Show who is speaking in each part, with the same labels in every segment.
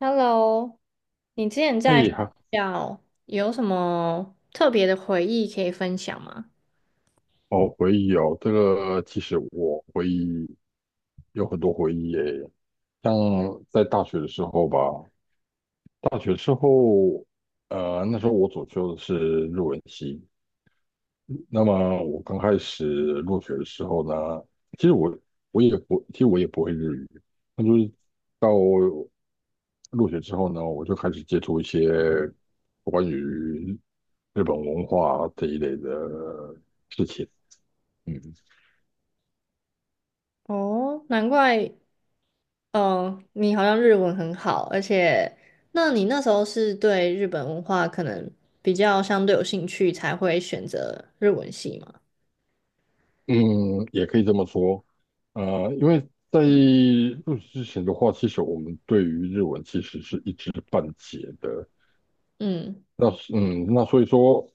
Speaker 1: Hello，你之前在学
Speaker 2: 哎，还
Speaker 1: 校有什么特别的回忆可以分享吗？
Speaker 2: 好回忆哦。这个其实我回忆有很多回忆耶，像在大学的时候吧，大学之后，那时候我主修的是日文系。那么我刚开始入学的时候呢，其实我其实我也不会日语。那就是到入学之后呢，我就开始接触一些关于日本文化这一类的事情。嗯
Speaker 1: 哦，难怪，嗯，你好像日文很好，而且，那你那时候是对日本文化可能比较相对有兴趣，才会选择日文系吗？
Speaker 2: 嗯，也可以这么说。因为在入职之前的话，其实我们对于日文其实是一知半解的。
Speaker 1: 嗯。
Speaker 2: 那是嗯，那所以说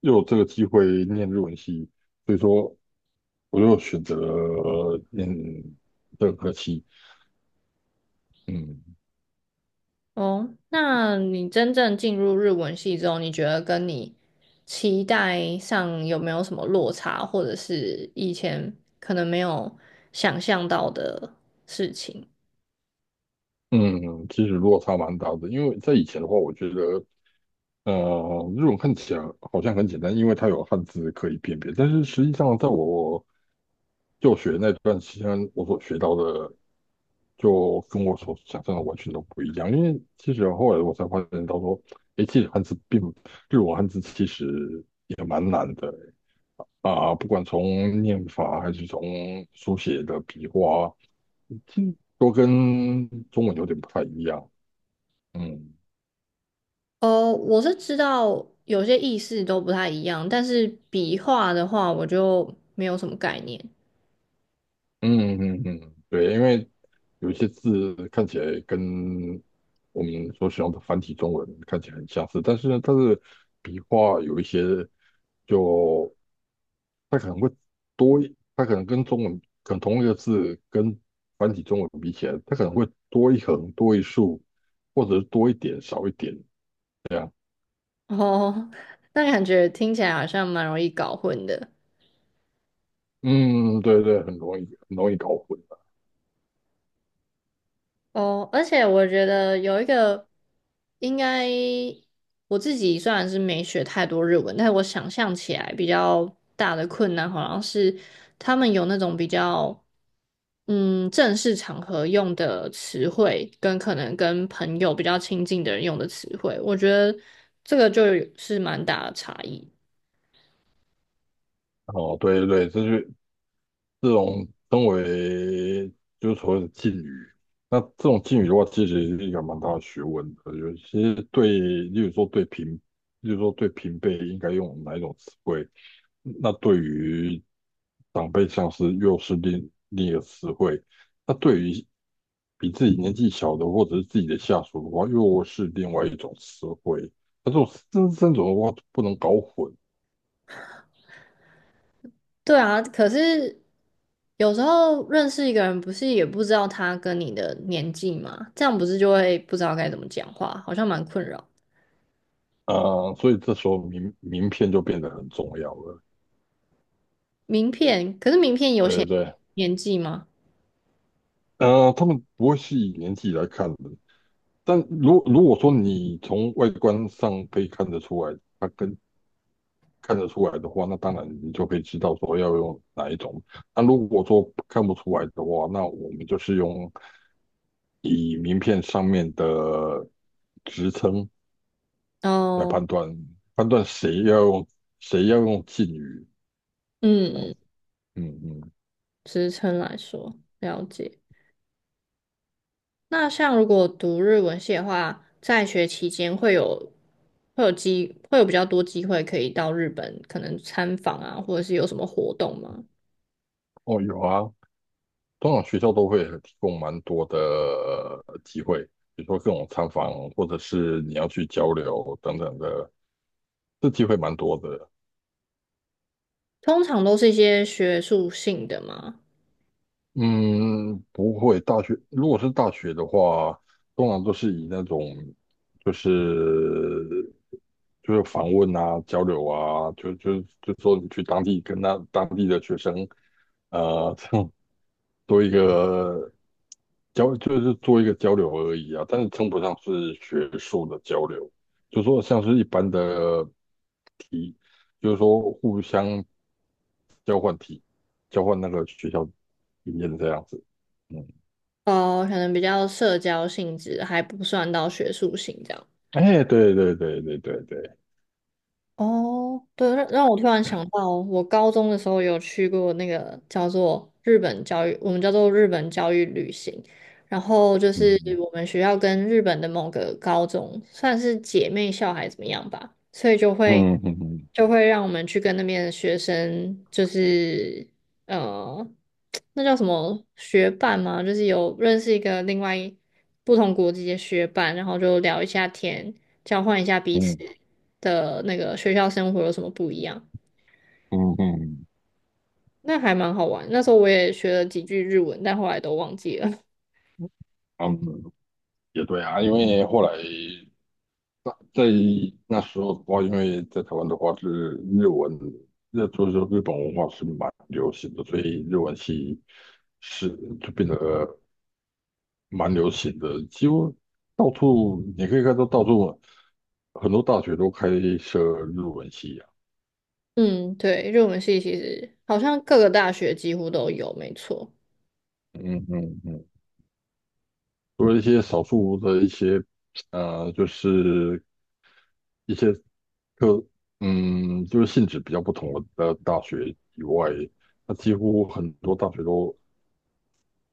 Speaker 2: 又有这个机会念日文系，所以说我又选择了念这个科系。嗯
Speaker 1: 哦，那你真正进入日文系之后，你觉得跟你期待上有没有什么落差，或者是以前可能没有想象到的事情？
Speaker 2: 嗯，其实落差蛮大的。因为在以前的话，我觉得日文看起来好像很简单，因为它有汉字可以辨别，但是实际上在我就学那段期间，我所学到的就跟我所想象的完全都不一样。因为其实后来我才发现到说，诶，其实汉字并日文汉字其实也蛮难的啊，不管从念法还是从书写的笔画，其实都跟中文有点不太一样。嗯。
Speaker 1: 哦，我是知道有些意思都不太一样，但是笔画的话，我就没有什么概念。
Speaker 2: 嗯嗯嗯，对，因为有一些字看起来跟我们所使用的繁体中文看起来很相似，但是呢，它的笔画有一些就它可能会它可能跟中文可能同一个字跟繁体中文比起来，它可能会多一横、多一竖，或者是多一点、少一点。
Speaker 1: 哦，那感觉听起来好像蛮容易搞混的。
Speaker 2: 嗯，对对，很容易很容易搞混的。
Speaker 1: 哦，而且我觉得有一个应该我自己虽然是没学太多日文，但是我想象起来比较大的困难好像是他们有那种比较正式场合用的词汇，跟可能跟朋友比较亲近的人用的词汇，我觉得这个就是蛮大的差异。
Speaker 2: 哦，对对对，这种称为就是所谓的敬语。那这种敬语的话，其实是一个蛮大的学问的。尤其是对，例如说对平辈应该用哪一种词汇，那对于长辈像是又是另一个词汇。那对于比自己年纪小的或者是自己的下属的话，又是另外一种词汇。那这三种的话不能搞混
Speaker 1: 对啊，可是有时候认识一个人，不是也不知道他跟你的年纪嘛，这样不是就会不知道该怎么讲话，好像蛮困扰。
Speaker 2: 啊、所以这时候名片就变得很重要了。
Speaker 1: 名片，可是名片有
Speaker 2: 对
Speaker 1: 写
Speaker 2: 对。
Speaker 1: 年纪吗？
Speaker 2: 他们不会是以年纪来看的，但如果说你从外观上可以看得出来，看得出来的话，那当然你就可以知道说要用哪一种。那如果说看不出来的话，那我们就是用以名片上面的职称来
Speaker 1: 哦，
Speaker 2: 判断，判断谁要用敬语
Speaker 1: 嗯
Speaker 2: 这样
Speaker 1: 嗯，
Speaker 2: 子。嗯嗯。
Speaker 1: 职称来说，了解。那像如果读日文系的话，在学期间会有机会有比较多机会可以到日本，可能参访啊，或者是有什么活动吗？
Speaker 2: 哦，有啊，通常学校都会提供蛮多的机会，比如说各种参访，或者是你要去交流等等的，这机会蛮多的。
Speaker 1: 通常都是一些学术性的嘛。
Speaker 2: 嗯，不会，大学如果是大学的话，通常都是以那种就是就是访问啊、交流啊，就说你去当地跟那当地的学生，呃，做一个交，就是做一个交流而已啊，但是称不上是学术的交流，就说像是一般的题，就是说互相交换题，交换那个学校经验这样子。嗯，
Speaker 1: 哦，可能比较社交性质，还不算到学术性这样。
Speaker 2: 哎，对对对对对对，
Speaker 1: 哦，对，让我突然想到，我高中的时候有去过那个叫做日本教育，我们叫做日本教育旅行。然后就是
Speaker 2: 嗯
Speaker 1: 我们学校跟日本的某个高中算是姐妹校还是怎么样吧，所以就会
Speaker 2: 嗯嗯嗯
Speaker 1: 就会让我们去跟那边的学生，就是嗯。那叫什么学伴吗？就是有认识一个另外一不同国籍的学伴，然后就聊一下天，交换一下彼此
Speaker 2: 嗯
Speaker 1: 的那个学校生活有什么不一样，
Speaker 2: 嗯嗯，
Speaker 1: 那还蛮好玩。那时候我也学了几句日文，但后来都忘记了。
Speaker 2: 嗯，也对啊，因为后来。那在那时候的话，因为在台湾的话是日文，那就是日本文化是蛮流行的，所以日文系是就变得蛮流行的，几乎到处你可以看到到处很多大学都开设日文系啊。
Speaker 1: 嗯，对，日文系其实好像各个大学几乎都有，没错。
Speaker 2: 嗯嗯嗯，除了一些少数的一些就是一些课，嗯，就是性质比较不同的大学以外，那几乎很多大学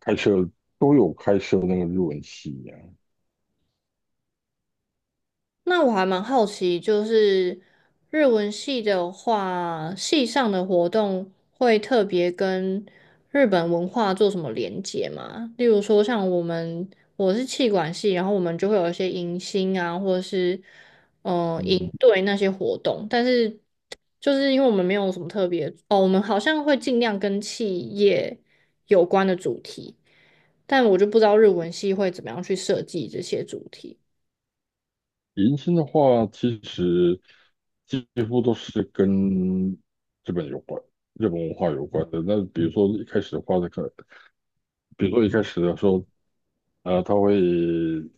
Speaker 2: 开设都有开设那个日文系啊。
Speaker 1: 那我还蛮好奇，就是日文系的话，系上的活动会特别跟日本文化做什么连接吗？例如说，像我们是气管系，然后我们就会有一些迎新啊，或者是
Speaker 2: 嗯，
Speaker 1: 营队那些活动，但是就是因为我们没有什么特别哦，我们好像会尽量跟企业有关的主题，但我就不知道日文系会怎么样去设计这些主题。
Speaker 2: 迎新的话，其实几乎都是跟日本有关、日本文化有关的。那比如说一开始的时候，他会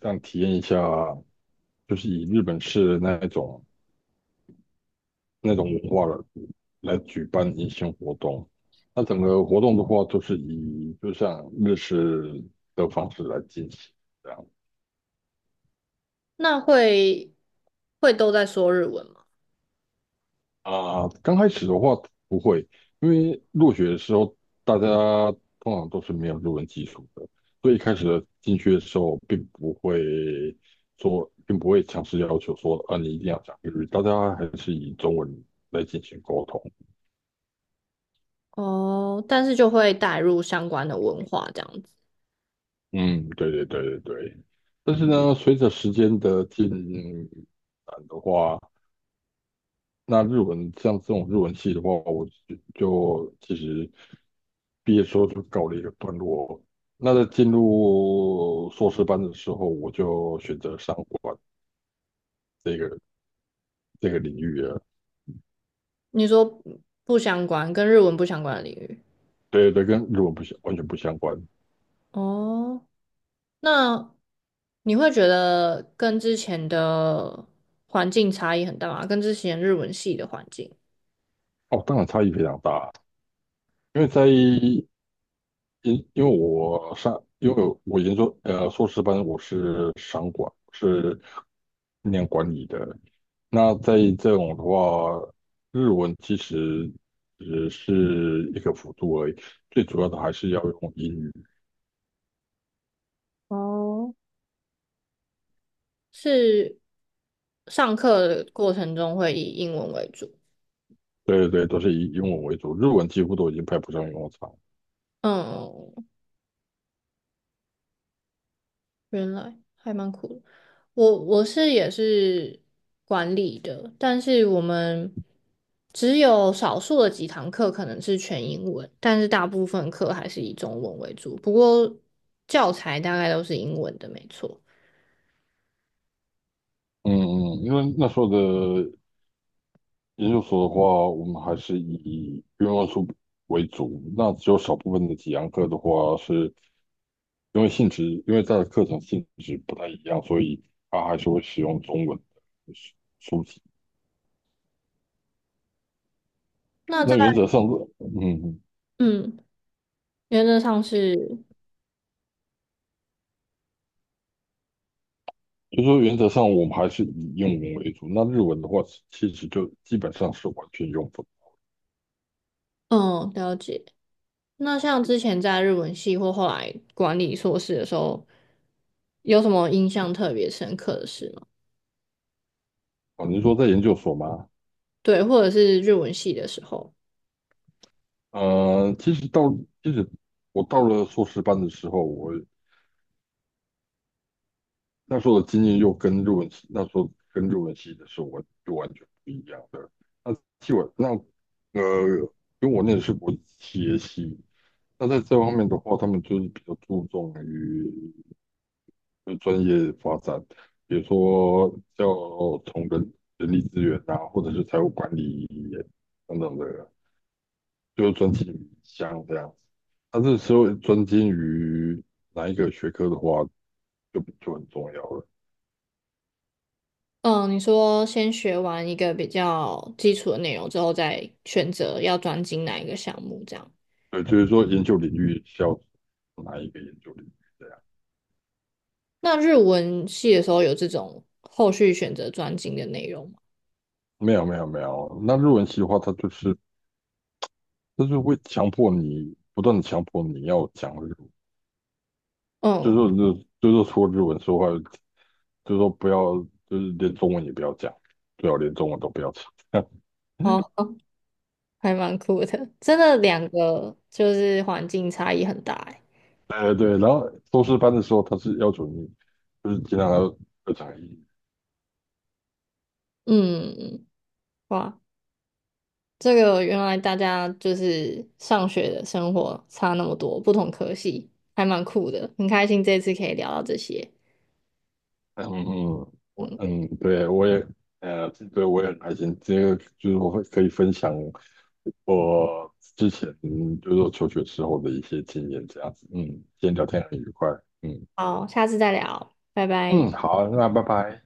Speaker 2: 让你体验一下，就是以日本式的那种文化来举办迎新活动。那整个活动的话，都是以就像日式的方式来进行。这样。
Speaker 1: 那会都在说日文吗？
Speaker 2: 啊，刚开始的话不会，因为入学的时候大家通常都是没有日文基础的，所以一开始的进去的时候并不会强制要求说啊你一定要讲日语，大家还是以中文来进行沟通。
Speaker 1: 哦，但是就会带入相关的文化这样子。
Speaker 2: 嗯，对对对对对。但是呢，随着时间的进展的话，那日文像这种日文系的话，我就其实。毕业之后就告了一个段落。那在进入硕士班的时候，我就选择商管这个这个领域了。
Speaker 1: 你说不相关，跟日文不相关的领域。
Speaker 2: 对对，跟日文不相完全不相关。
Speaker 1: 哦，那你会觉得跟之前的环境差异很大吗？跟之前日文系的环境？
Speaker 2: 哦，当然差异非常大。因为在因因为我上因为我研究硕士班，我是商管，是念管理的。那在这种的话，日文其实只是一个辅助而已，最主要的还是要用英语。
Speaker 1: 哦，是上课的过程中会以英文为主。
Speaker 2: 对对对，都是以英文为主，日文几乎都已经派不上用场。
Speaker 1: 嗯，原来还蛮苦的。我是也是管理的，但是我们只有少数的几堂课可能是全英文，但是大部分课还是以中文为主。不过教材大概都是英文的，没错。
Speaker 2: 嗯嗯，因为那时候的研究所的话，我们还是以英文书为主，那只有少部分的几堂课的话，是因为性质，因为它的课程性质不太一样，所以它还是会使用中文的书籍。
Speaker 1: 那在
Speaker 2: 那原则上，嗯，嗯
Speaker 1: 嗯，原则上是
Speaker 2: 就说原则上我们还是以英文为主，那日文的话，其实就基本上是完全用不到。
Speaker 1: 嗯，了解。那像之前在日文系或后来管理硕士的时候，有什么印象特别深刻的事吗？
Speaker 2: 啊，您说在研究所吗？
Speaker 1: 对，或者是日文系的时候。
Speaker 2: 呃，其实到其实我到了硕士班的时候，我那时候的经验又跟日文系那时候跟日文系的时候就完全不一样的。那替我那呃，因为我那的是国际企业系。那在这方面的话，他们就是比较注重于专业发展，比如说要从人力资源呐，或者是财务管理等等的。就专精于像这样子。但是说专精于哪一个学科的话，就很重要了。
Speaker 1: 嗯，你说先学完一个比较基础的内容之后，再选择要专精哪一个项目，这样。
Speaker 2: 对，就是说研究领域要哪一个研究领域这样。
Speaker 1: 那日文系的时候有这种后续选择专精的内容吗？
Speaker 2: 没有没有没有，那日文系的话，它就是会强迫你不断的强迫你要讲日文，就是
Speaker 1: 嗯，
Speaker 2: 说就就是说除了日文说话，就是说不要就是连中文也不要讲，最好连中文都不要讲。
Speaker 1: 哦，还蛮酷的，真的两个就是环境差异很大欸。
Speaker 2: 对对，然后硕士班的时候，他是要求你就是尽量要讲英语。
Speaker 1: 嗯，哇，这个原来大家就是上学的生活差那么多，不同科系，还蛮酷的，很开心这次可以聊到这些。
Speaker 2: 嗯嗯，我
Speaker 1: 嗯，
Speaker 2: 嗯，对，我也对，我也很开心。这个就是我会可以分享我之前就是说求学时候的一些经验，这样子。嗯，今天聊天很愉快。嗯
Speaker 1: 好，下次再聊，拜拜。
Speaker 2: 嗯，好，那拜拜。